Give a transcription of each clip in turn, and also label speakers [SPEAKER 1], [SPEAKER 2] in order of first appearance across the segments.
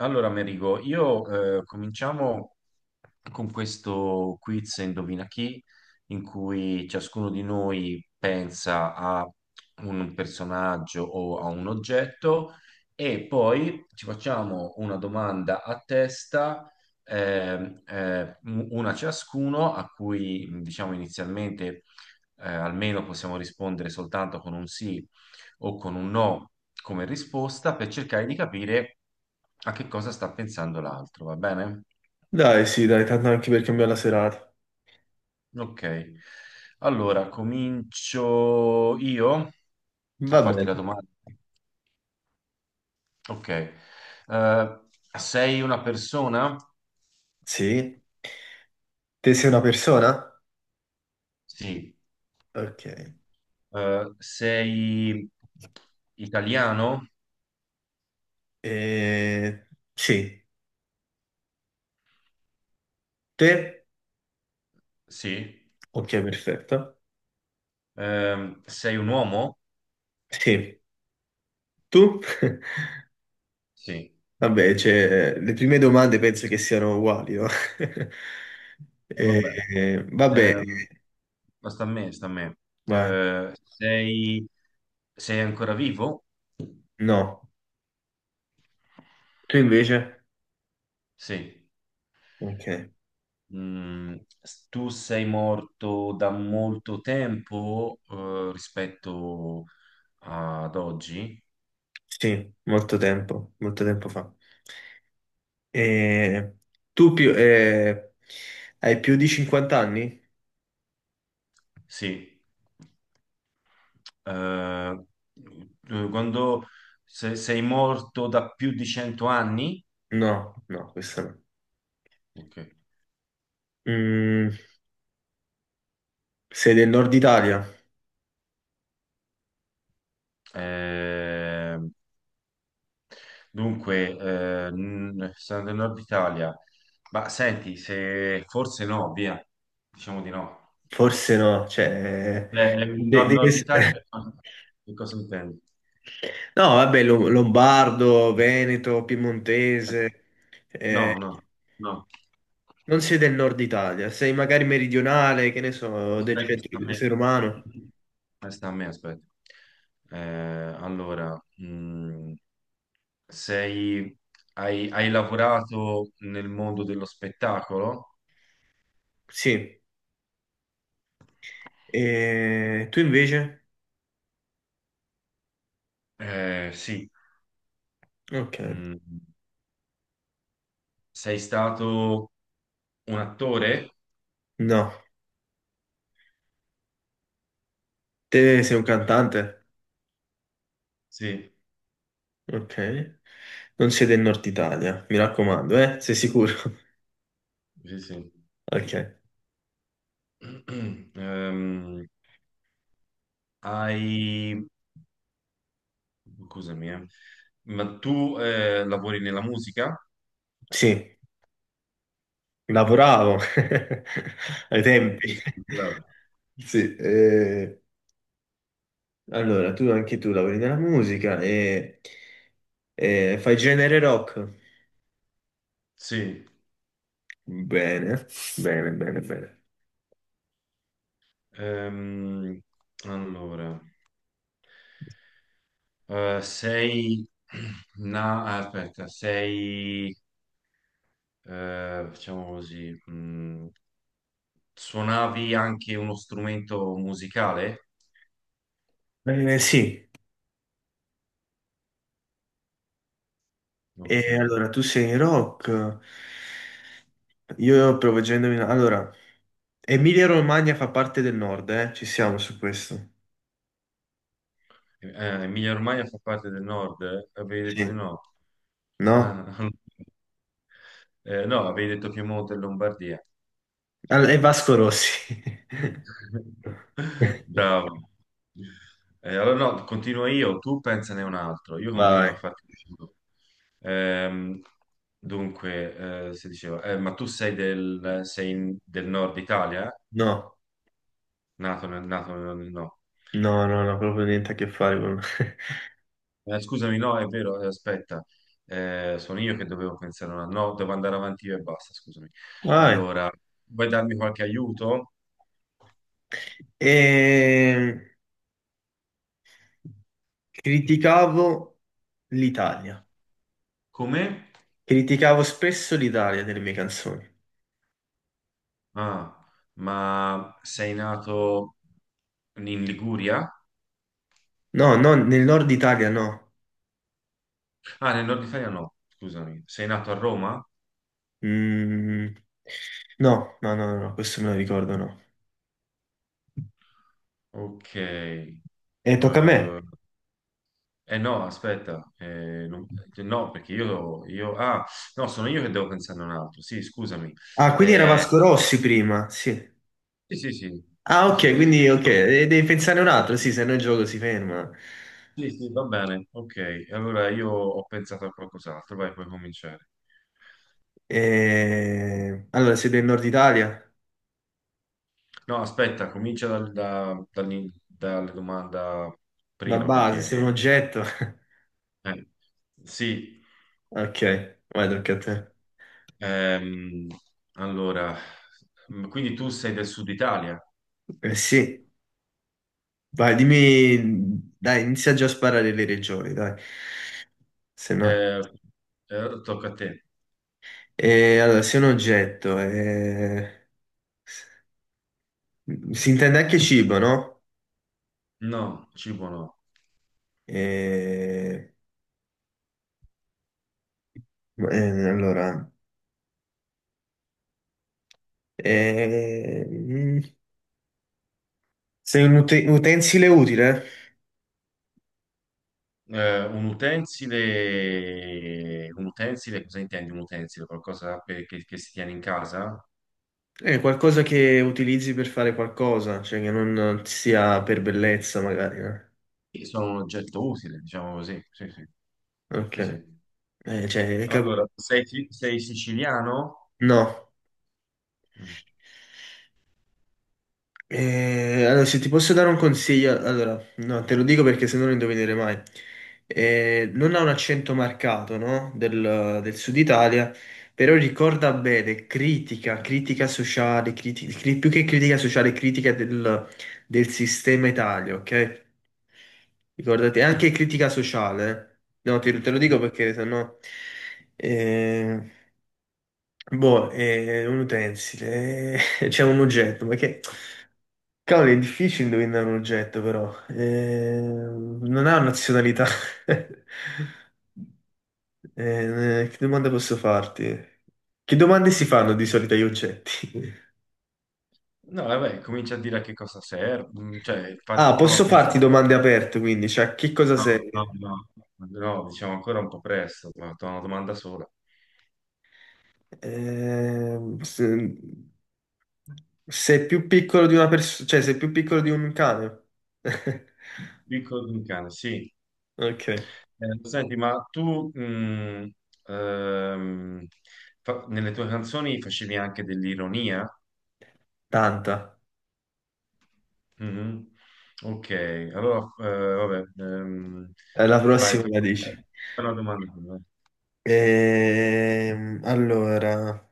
[SPEAKER 1] Allora, Merigo, io cominciamo con questo quiz Indovina chi, in cui ciascuno di noi pensa a un personaggio o a un oggetto e poi ci facciamo una domanda a testa, una ciascuno, a cui diciamo inizialmente almeno possiamo rispondere soltanto con un sì o con un no come risposta per cercare di capire a che cosa sta pensando l'altro, va bene?
[SPEAKER 2] Dai, sì, dai, tanto anche per cambiare la serata.
[SPEAKER 1] Ok. Allora, comincio io a
[SPEAKER 2] Va
[SPEAKER 1] farti
[SPEAKER 2] bene.
[SPEAKER 1] la domanda. Ok. Sei una persona?
[SPEAKER 2] Sì, te sei una persona?
[SPEAKER 1] Sì.
[SPEAKER 2] Ok.
[SPEAKER 1] Sei italiano?
[SPEAKER 2] Eh, sì, te?
[SPEAKER 1] Sì.
[SPEAKER 2] Ok, perfetto.
[SPEAKER 1] Sei un uomo?
[SPEAKER 2] Sì, tu?
[SPEAKER 1] Sì.
[SPEAKER 2] Vabbè, cioè, le prime domande penso che siano uguali, no? Eh,
[SPEAKER 1] Vabbè.
[SPEAKER 2] Vabbè,
[SPEAKER 1] Ehm, ma sta a me, sta a me.
[SPEAKER 2] vai.
[SPEAKER 1] Eh, sei, Sei ancora vivo?
[SPEAKER 2] No. Tu invece?
[SPEAKER 1] Sì.
[SPEAKER 2] Ok.
[SPEAKER 1] Mm, tu sei morto da molto tempo, rispetto ad oggi?
[SPEAKER 2] Sì, molto tempo fa. Eh, Tu più, hai più di 50 anni?
[SPEAKER 1] Sì. Eh, tu- quando se- sei morto da più di 100 anni?
[SPEAKER 2] No, no, questo no.
[SPEAKER 1] Ok.
[SPEAKER 2] Mm, sei del nord Italia?
[SPEAKER 1] Eh, dunque, sono del Nord Italia, ma senti, se forse no, via, diciamo di no.
[SPEAKER 2] Forse no, cioè...
[SPEAKER 1] Il
[SPEAKER 2] devi
[SPEAKER 1] Nord Italia,
[SPEAKER 2] essere...
[SPEAKER 1] che cosa intendi?
[SPEAKER 2] No, vabbè, Lombardo, Veneto, Piemontese,
[SPEAKER 1] No,
[SPEAKER 2] eh,
[SPEAKER 1] no, no.
[SPEAKER 2] non sei del nord Italia, sei magari meridionale, che ne so, del
[SPEAKER 1] Aspetta, sta a
[SPEAKER 2] centro,
[SPEAKER 1] me.
[SPEAKER 2] sei romano?
[SPEAKER 1] Sta a me, aspetta. Eh, allora, mh, sei, Hai lavorato nel mondo dello spettacolo?
[SPEAKER 2] Sì. E tu invece?
[SPEAKER 1] Sì.
[SPEAKER 2] Ok.
[SPEAKER 1] Mm, sei stato un attore?
[SPEAKER 2] No, te sei un cantante?
[SPEAKER 1] Sì,
[SPEAKER 2] Ok. Non sei del nord Italia, mi raccomando, eh? Sei sicuro?
[SPEAKER 1] sì, sì.
[SPEAKER 2] Ok.
[SPEAKER 1] Ehm, hai... Scusami, eh. Ma tu lavori nella musica?
[SPEAKER 2] Sì. Lavoravo ai tempi.
[SPEAKER 1] Sì,
[SPEAKER 2] Sì, eh, allora tu anche tu lavori nella musica e fai genere rock?
[SPEAKER 1] sì.
[SPEAKER 2] Bene, bene, bene, bene.
[SPEAKER 1] Ehm, allora, eh, sei... No, aspetta, sei... Facciamo così. Mm, suonavi anche uno strumento musicale?
[SPEAKER 2] Sì,
[SPEAKER 1] Ok.
[SPEAKER 2] e allora tu sei rock. Io provo a indovinare. Allora, Emilia-Romagna fa parte del nord, eh? Ci siamo su questo.
[SPEAKER 1] Emilia Romagna fa parte del nord? Eh? Avevi detto di
[SPEAKER 2] Sì.
[SPEAKER 1] no?
[SPEAKER 2] No?
[SPEAKER 1] Ah, no, avevi detto Piemonte e Lombardia.
[SPEAKER 2] E Vasco Rossi.
[SPEAKER 1] Bravo. Allora no, continuo io, tu pensane un altro, io continuo a
[SPEAKER 2] Vai.
[SPEAKER 1] farti questo. Ehm, dunque, si diceva, ma tu sei del, sei in- del nord Italia?
[SPEAKER 2] No.
[SPEAKER 1] No.
[SPEAKER 2] No, no, no, proprio niente a che fare con...
[SPEAKER 1] Scusami, no, è vero, aspetta, eh, sono io che dovevo pensare una... No, devo andare avanti io e basta, scusami.
[SPEAKER 2] Vai.
[SPEAKER 1] Allora, vuoi darmi qualche aiuto?
[SPEAKER 2] Ehm, Criticavo l'Italia.
[SPEAKER 1] Come?
[SPEAKER 2] Criticavo spesso l'Italia nelle mie canzoni.
[SPEAKER 1] Ah, ma sei nato in Liguria?
[SPEAKER 2] No, no, nel nord Italia no.
[SPEAKER 1] Ah, nel nord Italia no, scusami. Sei nato a Roma?
[SPEAKER 2] Mm, no, no, no, no, no, questo me lo ricordo, no.
[SPEAKER 1] Ok. Eh
[SPEAKER 2] E tocca a me.
[SPEAKER 1] eh no, aspetta. No, perché io... Ah, no, sono io che devo pensare a un altro. Sì, scusami.
[SPEAKER 2] Ah, quindi era
[SPEAKER 1] Eh,
[SPEAKER 2] Vasco Rossi prima, sì.
[SPEAKER 1] sì, sì, sì.
[SPEAKER 2] Ah,
[SPEAKER 1] Sì,
[SPEAKER 2] ok,
[SPEAKER 1] sì.
[SPEAKER 2] quindi ok,
[SPEAKER 1] No,
[SPEAKER 2] e devi pensare un altro, sì, se no il gioco si ferma.
[SPEAKER 1] sì, sì, va bene. Ok, allora io ho pensato a qualcos'altro. Vai, puoi cominciare.
[SPEAKER 2] Allora, siete del nord Italia?
[SPEAKER 1] No, aspetta, comincia dal- da- dall'in- dalla domanda
[SPEAKER 2] Ma
[SPEAKER 1] prima
[SPEAKER 2] base,
[SPEAKER 1] perché...
[SPEAKER 2] sei un oggetto.
[SPEAKER 1] eh, sì,
[SPEAKER 2] Ok, vai, tocca a te.
[SPEAKER 1] ehm, allora, quindi tu sei del sud Italia?
[SPEAKER 2] Eh sì, vai, dimmi, dai, inizia già a sparare le regioni, dai, se no.
[SPEAKER 1] Eh, tocca a te.
[SPEAKER 2] Allora, sei un oggetto, si intende anche cibo, no?
[SPEAKER 1] No, cibo no.
[SPEAKER 2] Eh, allora, eh, mm, sei un utensile utile?
[SPEAKER 1] Un utensile, cosa intendi un utensile? Che si tiene in casa?
[SPEAKER 2] È qualcosa che utilizzi per fare qualcosa, cioè che non sia per bellezza, magari, no?
[SPEAKER 1] Sì, sono un oggetto utile, diciamo così. Sì, sì,
[SPEAKER 2] Ok.
[SPEAKER 1] sì, sì.
[SPEAKER 2] Cioè,
[SPEAKER 1] Allora, sei, Sei siciliano?
[SPEAKER 2] no.
[SPEAKER 1] Mm.
[SPEAKER 2] Allora, se ti posso dare un consiglio, allora, no, te lo dico perché se no lo indovinerai mai. Non ha un accento marcato, no? Del, del sud Italia, però ricorda bene, critica, critica sociale, più che critica sociale, critica del, del sistema Italia, ok? Ricordate, anche critica sociale, eh. No, te, te lo dico perché se no... Boh, è un utensile, c'è un oggetto, ma che... Cavolo, è difficile indovinare un oggetto, però. Non ha nazionalità. Che domanda posso farti? Che domande si fanno di solito agli oggetti?
[SPEAKER 1] No, vabbè, comincia a dire a che cosa serve, mm, cioè,
[SPEAKER 2] Ah,
[SPEAKER 1] infatti prova a
[SPEAKER 2] posso
[SPEAKER 1] pensare,
[SPEAKER 2] farti domande aperte, quindi, cioè, che cosa
[SPEAKER 1] no,
[SPEAKER 2] sei?
[SPEAKER 1] no, no, no, diciamo ancora un po' presto, ma ho una domanda sola.
[SPEAKER 2] Ehm, se- sei più piccolo di una persona, cioè, sei più piccolo di un cane?
[SPEAKER 1] Piccolo di un cane, sì.
[SPEAKER 2] Ok,
[SPEAKER 1] Senti, ma ehm, nelle tue canzoni facevi anche dell'ironia?
[SPEAKER 2] tanta.
[SPEAKER 1] Mhm. Ok, allora, vabbè,
[SPEAKER 2] La
[SPEAKER 1] vai,
[SPEAKER 2] prossima la dici.
[SPEAKER 1] fai una domanda.
[SPEAKER 2] Allora,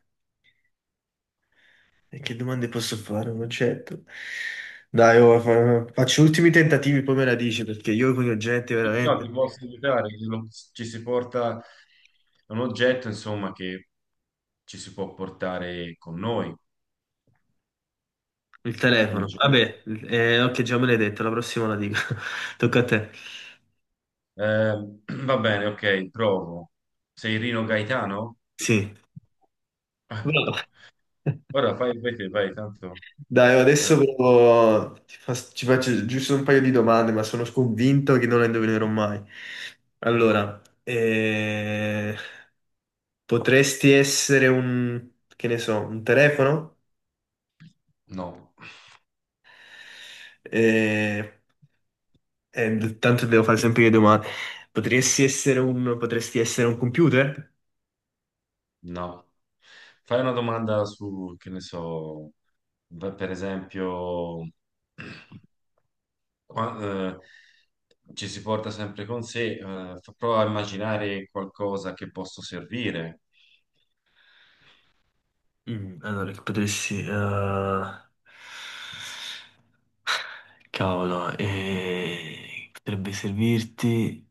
[SPEAKER 2] e che domande posso fare? Non certo. Dai, oh, faccio ultimi tentativi, poi me la dici, perché io con gli oggetti
[SPEAKER 1] No, ti
[SPEAKER 2] veramente...
[SPEAKER 1] posso aiutare, ci si porta un oggetto, insomma, che ci si può portare con noi
[SPEAKER 2] Il
[SPEAKER 1] ogni
[SPEAKER 2] telefono.
[SPEAKER 1] giorno.
[SPEAKER 2] Vabbè, ok, già me l'hai detto, la prossima la dico. Tocca a te.
[SPEAKER 1] Eh, va bene, ok, provo. Sei Rino Gaetano?
[SPEAKER 2] Sì.
[SPEAKER 1] Ah,
[SPEAKER 2] Bravo.
[SPEAKER 1] ora fai, fai te, vai, tanto.
[SPEAKER 2] Dai, oh, adesso
[SPEAKER 1] Eh,
[SPEAKER 2] ci faccio giusto un paio di domande, ma sono convinto che non le indovinerò mai. Allora, potresti essere un, che ne so, un telefono?
[SPEAKER 1] no,
[SPEAKER 2] Eh, Tanto devo fare sempre le domande. Potresti essere un computer?
[SPEAKER 1] no. Fai una domanda su, che ne so, beh, per esempio... qua- ci si porta sempre con sé, fa- prova a immaginare qualcosa che posso servire.
[SPEAKER 2] Mm, allora, che potresti... cavolo, potrebbe servirti...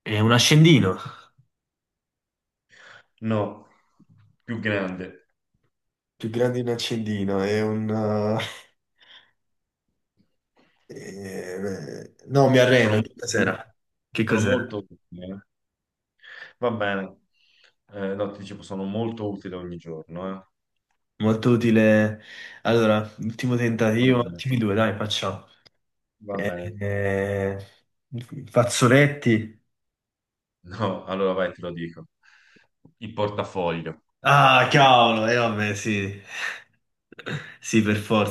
[SPEAKER 2] È un accendino.
[SPEAKER 1] No, più grande.
[SPEAKER 2] Più grande di un accendino, è un... eh, no, mi
[SPEAKER 1] Sono,
[SPEAKER 2] arrendo. Che
[SPEAKER 1] molto-
[SPEAKER 2] cos'era? Che
[SPEAKER 1] sono molto
[SPEAKER 2] cos'era?
[SPEAKER 1] utile. Eh. Va bene. No, ti dicevo, sono molto utile ogni giorno. Eh.
[SPEAKER 2] Molto utile. Allora, ultimo
[SPEAKER 1] Va
[SPEAKER 2] tentativo,
[SPEAKER 1] bene.
[SPEAKER 2] ultimi due, dai, facciamo.
[SPEAKER 1] Va
[SPEAKER 2] Eh,
[SPEAKER 1] bene.
[SPEAKER 2] eh, Fazzoletti.
[SPEAKER 1] No, allora vai, te lo dico. Il portafoglio.
[SPEAKER 2] Ah, cavolo, e vabbè, sì. Sì, per forza.